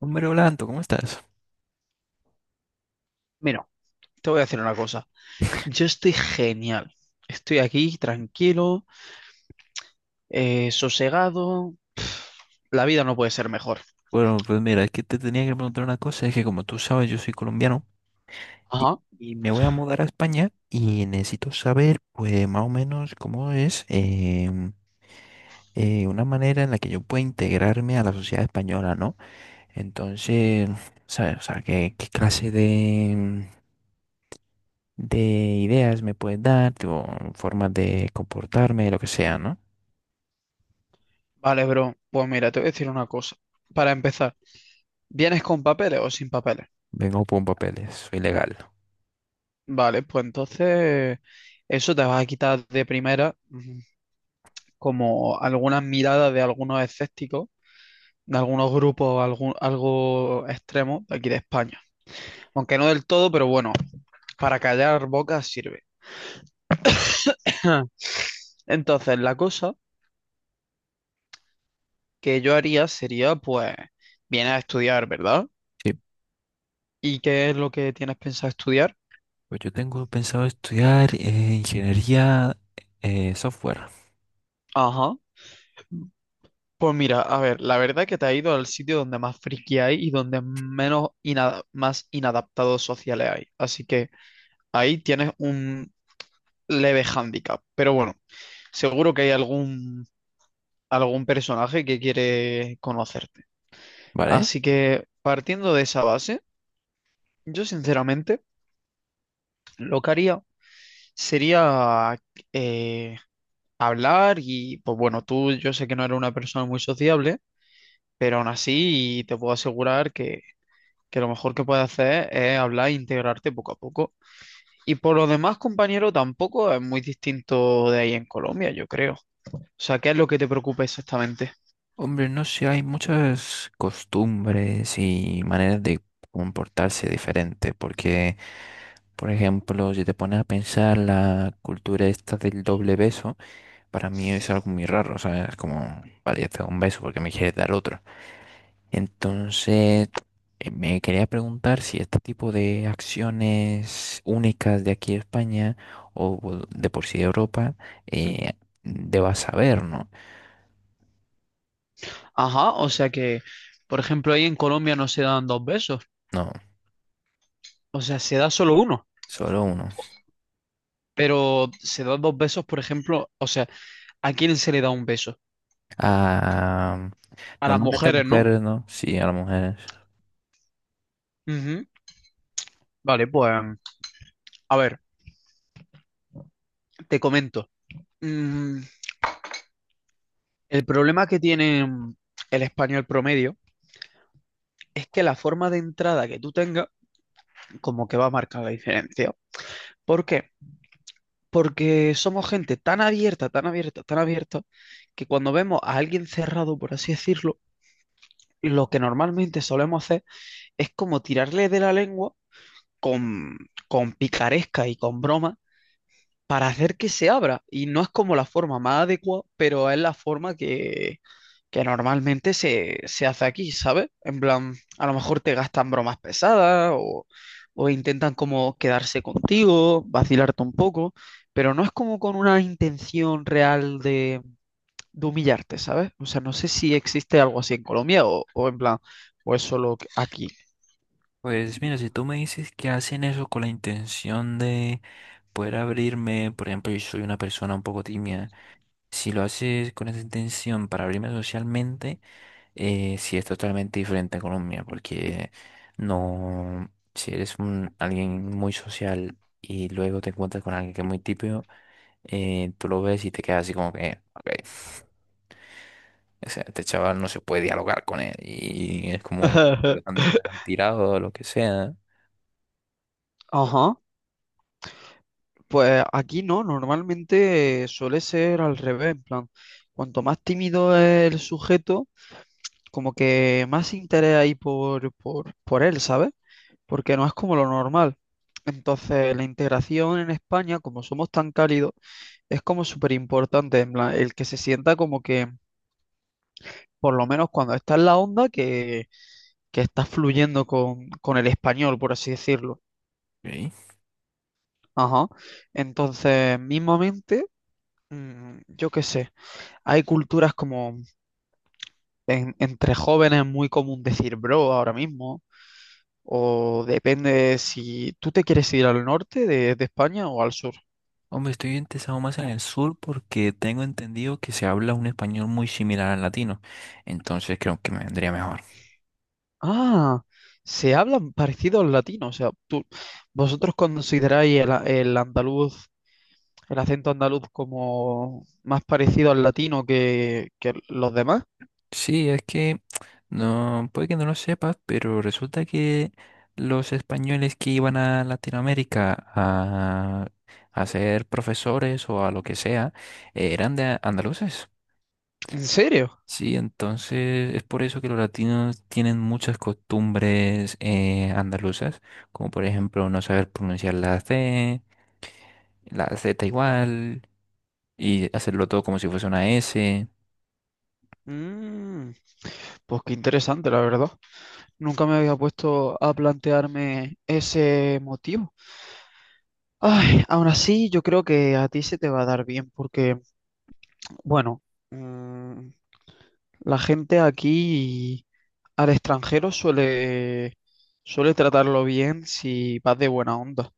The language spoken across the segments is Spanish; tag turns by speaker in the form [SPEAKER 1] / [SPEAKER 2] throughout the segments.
[SPEAKER 1] Hombre Blanco, ¿cómo estás?
[SPEAKER 2] Mira, te voy a decir una cosa. Yo estoy genial. Estoy aquí tranquilo, sosegado. La vida no puede ser mejor.
[SPEAKER 1] Bueno, pues mira, es que te tenía que preguntar una cosa, es que como tú sabes, yo soy colombiano y,
[SPEAKER 2] Ajá.
[SPEAKER 1] y me voy a mudar a España y necesito saber, pues más o menos cómo es una manera en la que yo pueda integrarme a la sociedad española, ¿no? Entonces, ¿sabes? O sea, ¿qué clase de ideas me puedes dar, tipo, formas de comportarme, lo que sea, ¿no?
[SPEAKER 2] Vale, bro. Pues mira, te voy a decir una cosa. Para empezar, ¿vienes con papeles o sin papeles?
[SPEAKER 1] Vengo con papeles, soy legal.
[SPEAKER 2] Vale, pues entonces eso te va a quitar de primera como algunas miradas de algunos escépticos, de algunos grupos algo extremos de aquí de España. Aunque no del todo, pero bueno, para callar bocas sirve. Entonces, la cosa que yo haría sería, pues, vienes a estudiar, ¿verdad?
[SPEAKER 1] Sí.
[SPEAKER 2] ¿Y qué es lo que tienes pensado estudiar?
[SPEAKER 1] Pues yo tengo pensado estudiar ingeniería software,
[SPEAKER 2] Ajá. Pues mira, a ver, la verdad que te ha ido al sitio donde más friki hay y donde menos más inadaptados sociales hay. Así que ahí tienes un leve hándicap. Pero bueno, seguro que hay algún personaje que quiere conocerte.
[SPEAKER 1] ¿vale?
[SPEAKER 2] Así que partiendo de esa base, yo sinceramente lo que haría sería eh, hablar y pues bueno, tú yo sé que no eres una persona muy sociable, pero aún así te puedo asegurar que lo mejor que puedes hacer es hablar e integrarte poco a poco. Y por lo demás, compañero, tampoco es muy distinto de ahí en Colombia, yo creo. O sea, ¿qué es lo que te preocupa exactamente?
[SPEAKER 1] Hombre, no sé, hay muchas costumbres y maneras de comportarse diferentes, porque, por ejemplo, si te pones a pensar la cultura esta del doble beso, para mí es algo muy raro, o sea, es como, vale, ya te doy un beso porque me quieres dar otro. Entonces, me quería preguntar si este tipo de acciones únicas de aquí de España o de por sí de Europa, eh, debas saber, ¿no?
[SPEAKER 2] Ajá, o sea por ejemplo, ahí en Colombia no se dan dos besos,
[SPEAKER 1] No,
[SPEAKER 2] o sea, se da solo uno,
[SPEAKER 1] solo uno.
[SPEAKER 2] pero se dan dos besos, por ejemplo, o sea, ¿a quién se le da un beso?
[SPEAKER 1] Ah,
[SPEAKER 2] A las
[SPEAKER 1] normalmente
[SPEAKER 2] mujeres, ¿no?
[SPEAKER 1] mujeres, ¿no? Sí, a las mujeres.
[SPEAKER 2] Ujú. Vale, pues, a ver, te comento. Mm, el problema que tiene el español promedio es que la forma de entrada que tú tengas como que va a marcar la diferencia. ¿Por qué? Porque somos gente tan abierta, tan abierta, tan abierta, que cuando vemos a alguien cerrado, por así decirlo, lo que normalmente solemos hacer es como tirarle de la lengua con, con picaresca y con broma para hacer que se abra. Y no es como la forma más adecuada, pero es la forma que normalmente se hace aquí, ¿sabes? En plan, a lo mejor te gastan bromas pesadas o intentan como quedarse contigo, vacilarte un poco, pero no es como con una intención real de humillarte, ¿sabes? O sea, no sé si existe algo así en Colombia o en plan, o es solo aquí.
[SPEAKER 1] Pues mira, si tú me dices que hacen eso con la intención de poder abrirme, por ejemplo, yo soy una persona un poco tímida, si lo haces con esa intención para abrirme socialmente, sí es totalmente diferente a Colombia, porque no, si eres un, alguien muy social y luego te encuentras con alguien que es muy típico, tú lo ves y te quedas así como que, ok, o sea, este chaval no se puede dialogar con él y es como lo han tirado o lo que sea.
[SPEAKER 2] Ajá. Pues aquí no, normalmente suele ser al revés, en plan, cuanto más tímido es el sujeto, como que más interés hay por él, ¿sabes? Porque no es como lo normal. Entonces, la integración en España, como somos tan cálidos, es como súper importante, en plan, el que se sienta como por lo menos cuando está en la onda, que está fluyendo con el español, por así decirlo.
[SPEAKER 1] Ok.
[SPEAKER 2] Ajá. Entonces, mismamente, yo qué sé. Hay culturas como entre jóvenes muy común decir bro ahora mismo, o depende si tú te quieres ir al norte de España o al sur.
[SPEAKER 1] Hombre, estoy interesado más en el sur porque tengo entendido que se habla un español muy similar al latino, entonces creo que me vendría mejor.
[SPEAKER 2] Ah, se hablan parecidos latinos, o sea, tú, vosotros consideráis el andaluz, el acento andaluz como más parecido al latino que los demás.
[SPEAKER 1] Sí, es que no, puede que no lo sepas, pero resulta que los españoles que iban a Latinoamérica a ser profesores o a lo que sea, eran de andaluces.
[SPEAKER 2] ¿En serio?
[SPEAKER 1] Sí, entonces es por eso que los latinos tienen muchas costumbres andaluzas, como por ejemplo no saber pronunciar la C, la Z igual, y hacerlo todo como si fuese una S.
[SPEAKER 2] Mm, pues qué interesante, la verdad. Nunca me había puesto a plantearme ese motivo. Ay, aún así, yo creo que a ti se te va a dar bien porque, bueno, mm, la gente aquí al extranjero suele tratarlo bien si vas de buena onda.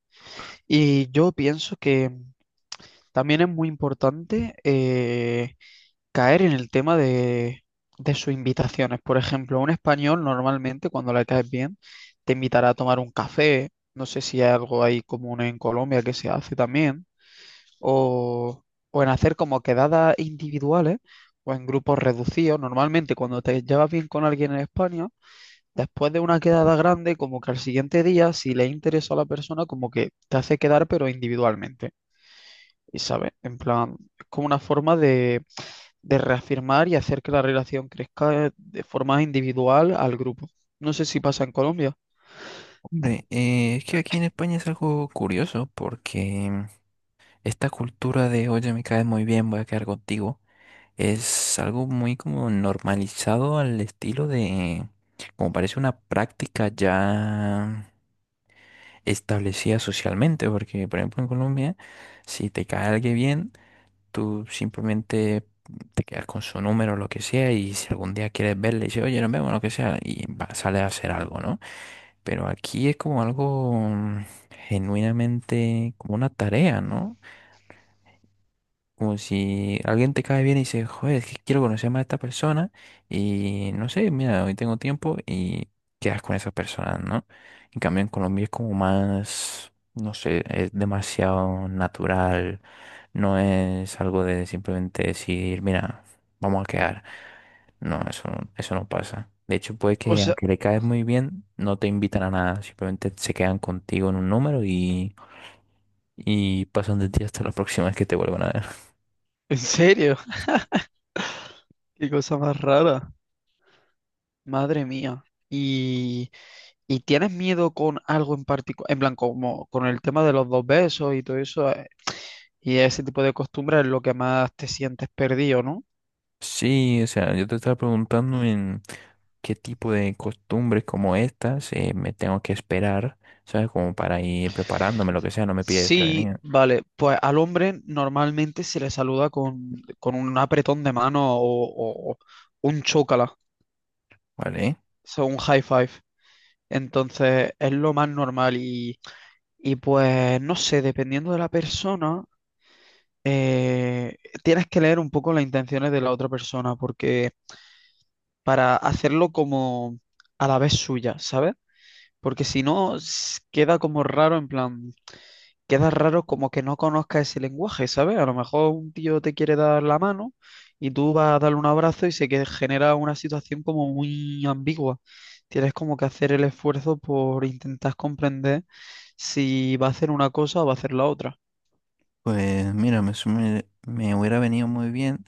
[SPEAKER 2] Y yo pienso que también es muy importante caer en el tema de sus invitaciones. Por ejemplo, un español normalmente cuando le caes bien te invitará a tomar un café. No sé si hay algo ahí común en Colombia que se hace también o, o en hacer como quedadas individuales o en grupos reducidos. Normalmente cuando te llevas bien con alguien en España, después de una quedada grande, como que al siguiente día, si le interesa a la persona, como que te hace quedar pero individualmente. Y sabes, en plan, es como una forma de reafirmar y hacer que la relación crezca de forma individual al grupo. No sé si pasa en Colombia.
[SPEAKER 1] Hombre, es que aquí en España es algo curioso porque esta cultura de, oye, me caes muy bien, voy a quedar contigo, es algo muy como normalizado al estilo de, como parece una práctica ya establecida socialmente, porque por ejemplo en Colombia, si te cae alguien bien, tú simplemente te quedas con su número, o lo que sea, y si algún día quieres verle, dices, oye, nos vemos, lo que sea, y va- sale a hacer algo, ¿no? Pero aquí es como algo genuinamente, como una tarea, ¿no? Como si alguien te cae bien y dice, joder, es que quiero conocer más a esta persona y no sé, mira, hoy tengo tiempo y quedas con esa persona, ¿no? En cambio, en Colombia es como más, no sé, es demasiado natural, no es algo de simplemente decir, mira, vamos a quedar. No, eso, no- eso no pasa. De hecho, puede
[SPEAKER 2] O
[SPEAKER 1] que
[SPEAKER 2] sea,
[SPEAKER 1] aunque le caes muy bien, no te invitan a nada, simplemente se quedan contigo en un número y pasan de ti hasta la próxima vez que te vuelvan a ver.
[SPEAKER 2] en serio, qué cosa más rara. Madre mía. Y ¿y tienes miedo con algo en particular? En plan, como con el tema de los dos besos y todo eso, y ese tipo de costumbres es lo que más te sientes perdido, ¿no?
[SPEAKER 1] Sí, o sea, yo te estaba preguntando en qué tipo de costumbres como estas me tengo que esperar, ¿sabes? Como para ir preparándome, lo que sea, no me pides
[SPEAKER 2] Sí,
[SPEAKER 1] prevenir,
[SPEAKER 2] vale, pues al hombre normalmente se le saluda con un apretón de mano o un chócala, o
[SPEAKER 1] ¿vale?
[SPEAKER 2] sea, un high five. Entonces es lo más normal y pues no sé, dependiendo de la persona, eh, tienes que leer un poco las intenciones de la otra persona porque para hacerlo como a la vez suya, ¿sabes? Porque si no, queda como raro, en plan, queda raro como que no conozca ese lenguaje, ¿sabes? A lo mejor un tío te quiere dar la mano y tú vas a darle un abrazo y se que genera una situación como muy ambigua. Tienes como que hacer el esfuerzo por intentar comprender si va a hacer una cosa o va a hacer la otra.
[SPEAKER 1] Pues mira, hubiera venido muy bien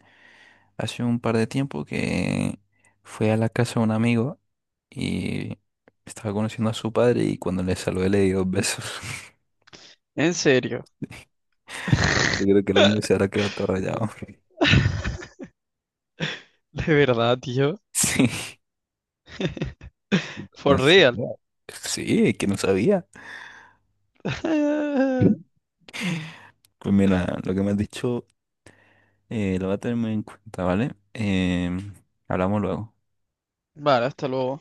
[SPEAKER 1] hace un par de tiempo que fui a la casa de un amigo y estaba conociendo a su padre y cuando le saludé le di dos besos.
[SPEAKER 2] En serio,
[SPEAKER 1] Yo creo que el hombre se habrá quedado todo rayado.
[SPEAKER 2] de verdad, tío.
[SPEAKER 1] Sí.
[SPEAKER 2] For
[SPEAKER 1] No sé,
[SPEAKER 2] real.
[SPEAKER 1] no. Sí, es que no sabía. Pues mira, lo que me has dicho lo voy a tener muy en cuenta, ¿vale? Hablamos luego.
[SPEAKER 2] Vale, hasta luego.